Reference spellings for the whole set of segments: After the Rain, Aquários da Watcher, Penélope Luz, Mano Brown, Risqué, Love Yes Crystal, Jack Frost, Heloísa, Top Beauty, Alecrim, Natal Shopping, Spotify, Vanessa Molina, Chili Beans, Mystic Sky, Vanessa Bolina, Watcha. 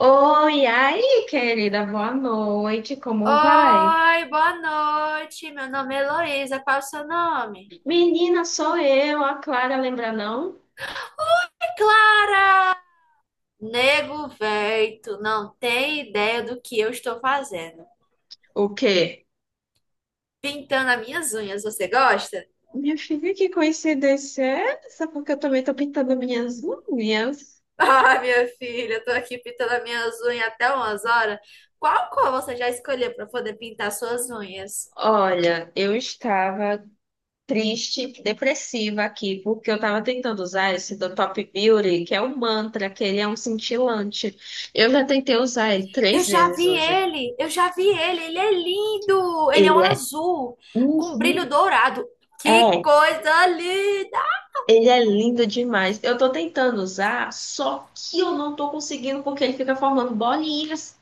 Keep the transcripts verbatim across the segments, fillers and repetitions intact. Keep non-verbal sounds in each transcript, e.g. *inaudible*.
Oi, aí, querida, boa noite, como vai? Oi, boa noite. Meu nome é Heloísa. Qual o seu nome? Menina, sou eu, a Clara, lembra não? É claro. Nego, véi, tu não tem ideia do que eu estou fazendo. O quê? Pintando as minhas unhas, você gosta? *laughs* Minha filha, que coincidência é essa? Porque eu também tô pintando minhas unhas. Ah, minha filha, eu tô aqui pintando as minhas unhas até umas horas. Qual cor você já escolheu para poder pintar suas unhas? Olha, eu estava triste, depressiva aqui, porque eu estava tentando usar esse do Top Beauty, que é um mantra, que ele é um cintilante. Eu já tentei usar ele Eu três já vezes vi hoje. ele, eu já vi ele, ele é lindo. Ele é um Ele é. azul com brilho Uhum. dourado. Que É. coisa linda! Ele é lindo demais. Eu tô tentando usar, só que eu não tô conseguindo porque ele fica formando bolinhas.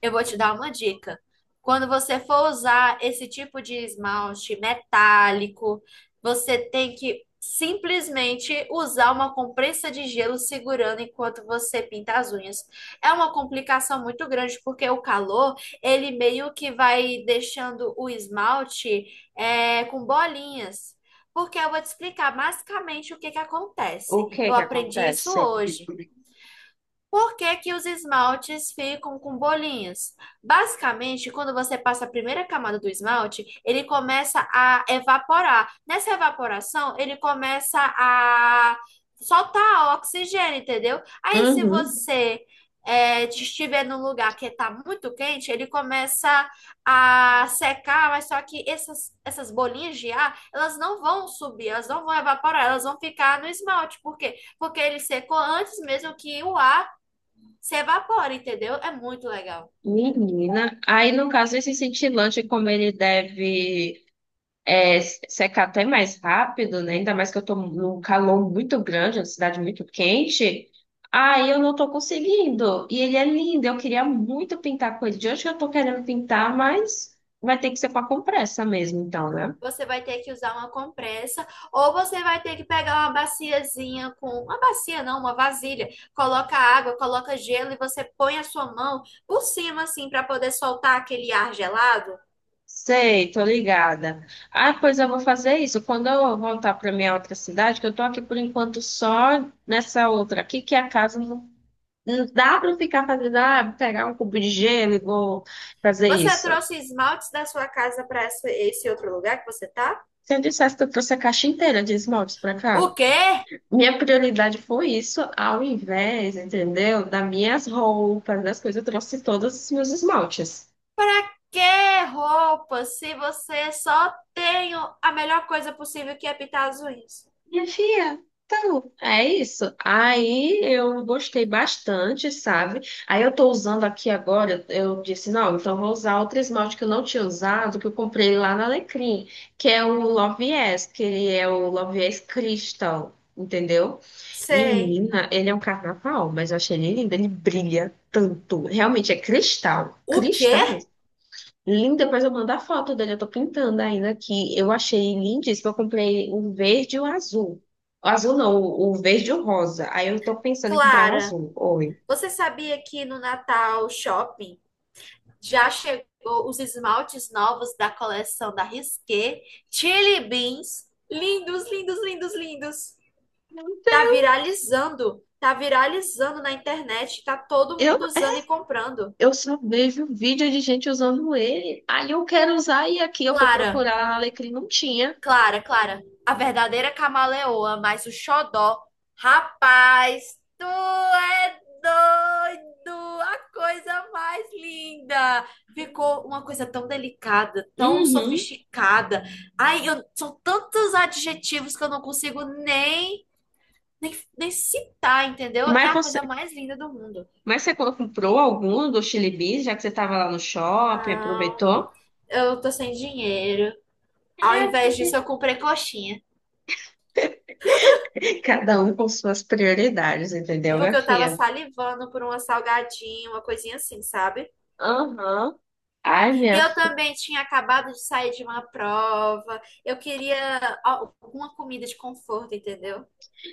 Eu vou te dar uma dica. Quando você for usar esse tipo de esmalte metálico, você tem que simplesmente usar uma compressa de gelo segurando enquanto você pinta as unhas. É uma complicação muito grande porque o calor, ele meio que vai deixando o esmalte é, com bolinhas. Porque eu vou te explicar basicamente o que que O acontece. que Eu que aprendi isso acontece? hoje. Por que que os esmaltes ficam com bolinhas? Basicamente, quando você passa a primeira camada do esmalte, ele começa a evaporar. Nessa evaporação, ele começa a soltar oxigênio, entendeu? Aí, se Uhum. você é, estiver num lugar que está muito quente, ele começa a secar, mas só que essas, essas bolinhas de ar, elas não vão subir, elas não vão evaporar, elas vão ficar no esmalte. Por quê? Porque ele secou antes mesmo que o ar se evapora, entendeu? É muito legal. Menina. Aí, no caso, esse cintilante, como ele deve é, secar até mais rápido, né? Ainda mais que eu tô num calor muito grande, uma cidade muito quente. Aí eu não tô conseguindo. E ele é lindo. Eu queria muito pintar com ele. De hoje que eu tô querendo pintar, mas vai ter que ser com a compressa mesmo, então, né? Você vai ter que usar uma compressa ou você vai ter que pegar uma baciazinha com uma bacia não, uma vasilha. Coloca água, coloca gelo e você põe a sua mão por cima assim para poder soltar aquele ar gelado. Sei, tô ligada. Ah, pois eu vou fazer isso. Quando eu voltar para minha outra cidade, que eu tô aqui por enquanto só nessa outra aqui, que é a casa não, não dá para ficar fazendo, ah, pegar um cubo de gelo e vou fazer Você isso. trouxe esmaltes da sua casa para esse outro lugar que você tá? Se eu dissesse que eu trouxe a caixa inteira de esmaltes para O cá, quê? minha prioridade foi isso, ao invés, entendeu? Das minhas roupas, das coisas, eu trouxe todos os meus esmaltes. Para que roupa se você só tem a melhor coisa possível que é pintar as unhas? Minha filha, então, é isso. Aí eu gostei bastante, sabe? Aí eu tô usando aqui agora, eu disse, não, então eu vou usar outro esmalte que eu não tinha usado, que eu comprei lá na Alecrim, que é o Love Yes, que ele é o Love Yes Crystal, entendeu? Sei. Menina, ele é um carnaval, mas eu achei ele lindo, ele brilha tanto. Realmente é cristal, O quê? cristal. Lindo, depois eu mando a foto dele. Eu tô pintando ainda aqui. Eu achei lindíssimo. Eu comprei o verde e o azul. O azul não, o o verde e o rosa. Aí eu tô pensando em comprar um Clara, azul. Oi. você sabia que no Natal Shopping já chegou os esmaltes novos da coleção da Risqué? Chili Beans, lindos, lindos, lindos, lindos. Não Tá tem- viralizando, tá viralizando na internet, tá todo Eu, mundo usando e comprando. eu só vejo vídeo de gente usando ele. Aí eu quero usar e aqui eu fui Clara, procurar lá na Alecrim, não tinha. Clara, Clara, a verdadeira camaleoa, mas o xodó. Rapaz, tu é doido! A coisa mais linda! Ficou uma coisa tão delicada, tão Uhum. sofisticada. Ai, eu- são tantos adjetivos que eu não consigo nem, nem, nem citar, entendeu? É Mas a você, coisa mais linda do mundo. mas você comprou algum do Chili Beans, já que você estava lá no shopping, Não, aproveitou? eu tô sem dinheiro. Ao É, invés disso, eu comprei coxinha. *laughs* cada um com suas prioridades, É entendeu, minha porque eu tava filha? salivando por uma salgadinha, uma coisinha assim, sabe? Aham. Ai, E minha eu filha, também tinha acabado de sair de uma prova. Eu queria al- alguma comida de conforto, entendeu?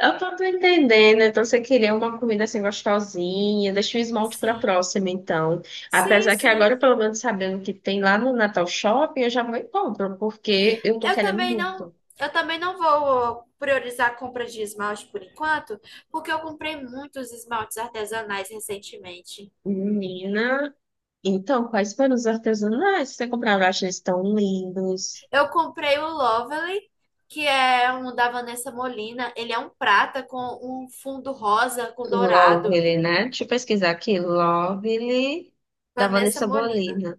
eu tô tô entendendo. Então, você queria uma comida assim gostosinha. Deixa o esmalte pra Sim. próxima, então. Sim, Apesar que sim. agora, pelo menos sabendo que tem lá no Natal Shopping, eu já vou e compro, porque eu tô Eu querendo também não, muito. eu também não vou priorizar a compra de esmalte por enquanto, porque eu comprei muitos esmaltes artesanais recentemente. Menina, então, quais foram os artesanais que você comprou? Eu acho eles tão lindos. Eu comprei o Lovely, que é um da Vanessa Molina. Ele é um prata com um fundo rosa com dourado. Lovely, né? Deixa eu pesquisar aqui. Lovely, da Vanessa Vanessa Molina. Bolina.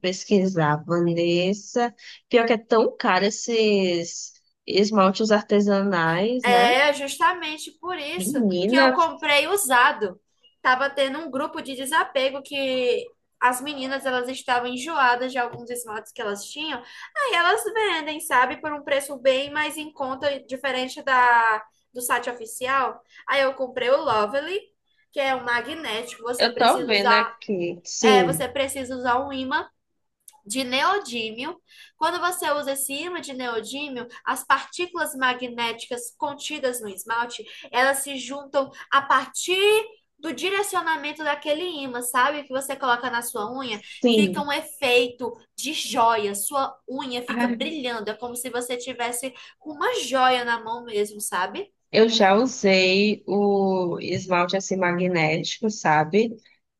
Pesquisar, Vanessa. Pior que é tão caro esses esmaltes artesanais, né? É justamente por isso que eu Menina, comprei usado. Tava tendo um grupo de desapego que as meninas elas estavam enjoadas de alguns esmaltes que elas tinham. Aí elas vendem, sabe, por um preço bem mais em conta, diferente da do site oficial. Aí eu comprei o Lovely, que é um magnético. Você eu tô precisa vendo usar, aqui. é, você Sim, precisa usar um ímã de neodímio. Quando você usa esse ímã de neodímio, as partículas magnéticas contidas no esmalte, elas se juntam a partir do direcionamento daquele ímã, sabe? Que você coloca na sua unha, fica sim. um efeito de joia. Sua unha fica Ai, brilhando, é como se você tivesse uma joia na mão mesmo, sabe? eu já usei o esmalte assim magnético, sabe?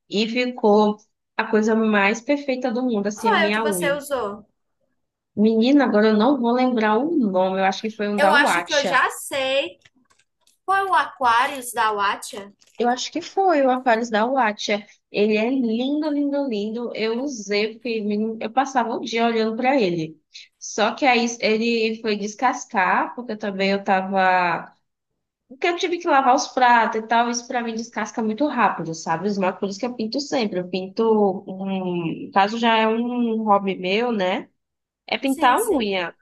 E ficou a coisa mais perfeita do mundo, Qual assim, a foi o que minha você unha. usou? Menina, agora eu não vou lembrar o nome, eu acho que foi um da Eu acho que eu Watcha. já sei. Foi o Aquarius da Watcha? Eu acho que foi o Aquários da Watcher. Ele é lindo, lindo, lindo. Eu usei, porque menino, eu passava o dia olhando para ele. Só que aí ele foi descascar, porque também eu tava. Porque eu tive que lavar os pratos e tal. Isso para mim descasca muito rápido, sabe? Os maquinários por isso que eu pinto sempre. Eu pinto. Hum, no caso já é um hobby meu, né? É Sim, pintar a sim. unha,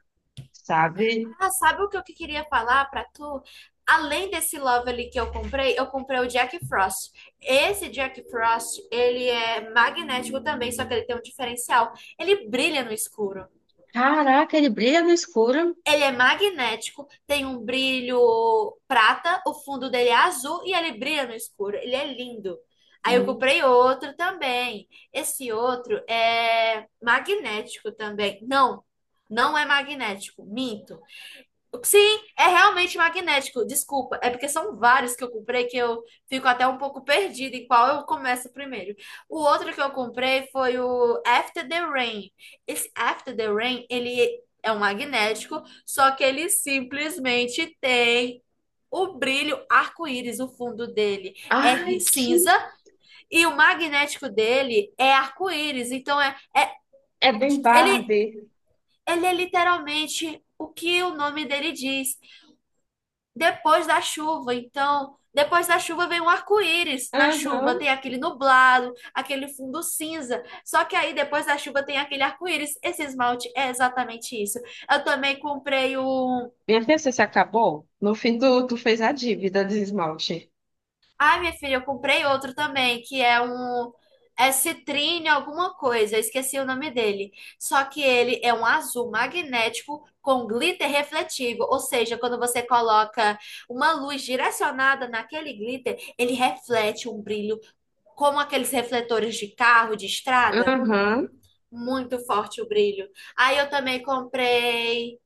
sabe? Ah, sabe o que eu que queria falar pra tu? Além desse Lovely que eu comprei, eu comprei o Jack Frost. Esse Jack Frost, ele é magnético também, só que ele tem um diferencial. Ele brilha no escuro. Caraca, ele brilha no escuro. Ele é magnético, tem um brilho prata, o fundo dele é azul e ele brilha no escuro. Ele é lindo. Aí eu comprei outro também. Esse outro é magnético também. Não, não é magnético, minto. Sim, é realmente magnético. Desculpa, é porque são vários que eu comprei que eu fico até um pouco perdida em qual eu começo primeiro. O outro que eu comprei foi o After the Rain. Esse After the Rain, ele é um magnético, só que ele simplesmente tem o brilho arco-íris, o fundo dele é Ai, que. cinza e o magnético dele é arco-íris. Então é, é É bem ele Barbie. ele é literalmente o que o nome dele diz depois da chuva. Então, depois da chuva vem um arco-íris. Na chuva Aham. tem aquele nublado, aquele fundo cinza. Só que aí depois da chuva tem aquele arco-íris. Esse esmalte é exatamente isso. Eu também comprei um. Minha filha, você se acabou? No fim do, Tu fez a dívida de esmalte. Ai, minha filha, eu comprei outro também, que é um. É citrine alguma coisa, eu esqueci o nome dele. Só que ele é um azul magnético com glitter refletivo, ou seja, quando você coloca uma luz direcionada naquele glitter, ele reflete um brilho como aqueles refletores de carro, de estrada. Aham. Muito forte o brilho. Aí eu também comprei.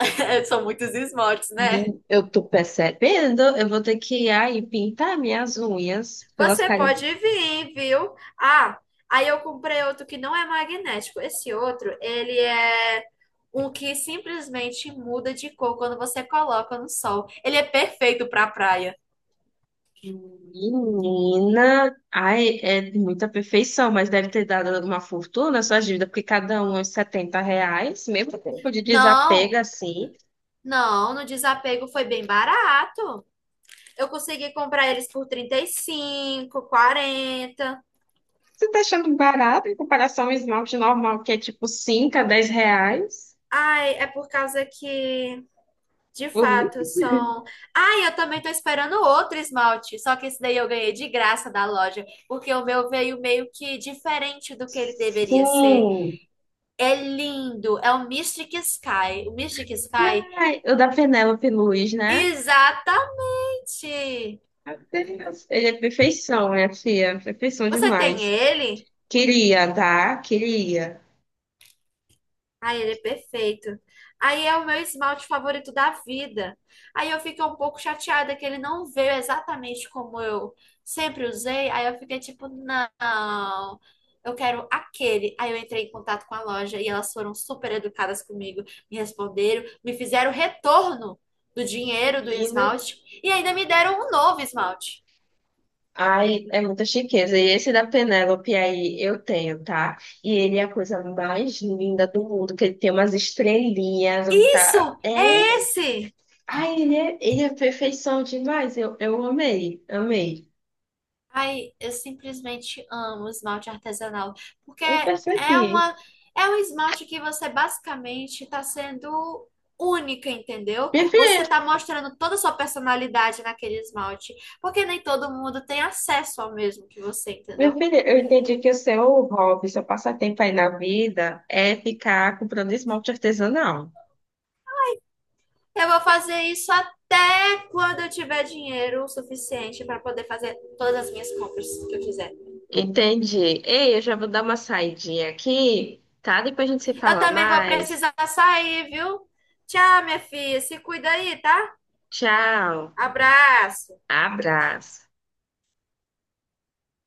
*laughs* São muitos esmaltes, né? Hum, Eu tô percebendo, eu vou ter que ir aí pintar minhas unhas pelas Você carinhas. pode vir, viu? Ah, aí eu comprei outro que não é magnético. Esse outro, ele é um que simplesmente muda de cor quando você coloca no sol. Ele é perfeito para praia. Menina, ai, é de muita perfeição, mas deve ter dado uma fortuna a sua dívida, porque cada um é uns setenta reais, mesmo tempo de desapego Não, assim. não, no desapego foi bem barato. Eu consegui comprar eles por trinta e cinco, quarenta. Você tá achando barato em comparação ao esmalte normal, que é tipo cinco a dez reais? Ai, é por causa que, de fato, Uhum. são. Ai, eu também tô esperando outro esmalte, só que esse daí eu ganhei de graça da loja, porque o meu veio meio que diferente do que ele deveria ser. Sim. É lindo, é o Mystic Sky. O Mystic Sky? Ai, o da Penélope Luz, né? Exatamente! Meu Deus, ele é perfeição, minha filha. Perfeição Você tem demais. ele? Queria, tá? Queria. Ai, ele é perfeito. Aí é o meu esmalte favorito da vida. Aí eu fiquei um pouco chateada que ele não veio exatamente como eu sempre usei. Aí eu fiquei tipo, não, eu quero aquele. Aí eu entrei em contato com a loja e elas foram super educadas comigo, me responderam, me fizeram retorno do dinheiro do Menina. esmalte e ainda me deram um novo esmalte. Ai, é muita chiqueza. E esse da Penélope aí eu tenho, tá? E ele é a coisa mais linda do mundo, que ele tem umas estrelinhas, tá? Isso! É. É esse! Ai, ele é, ele é perfeição demais. Eu, eu amei, amei. Ai, eu simplesmente amo esmalte artesanal, porque Eu é percebi. uma é um esmalte que você basicamente está sendo única, entendeu? Minha Você filha, está mostrando toda a sua personalidade naquele esmalte, porque nem todo mundo tem acesso ao mesmo que você, Meu entendeu? filho, eu entendi que o seu hobby, seu passatempo aí na vida é ficar comprando esmalte artesanal. Eu vou fazer isso até quando eu tiver dinheiro o suficiente para poder fazer todas as minhas compras que eu quiser. Entendi. Ei, eu já vou dar uma saidinha aqui, tá? Depois a gente se Eu fala também vou mais. precisar sair, viu? Tchau, minha filha. Se cuida aí, tá? Tchau. Abraço. Abraço.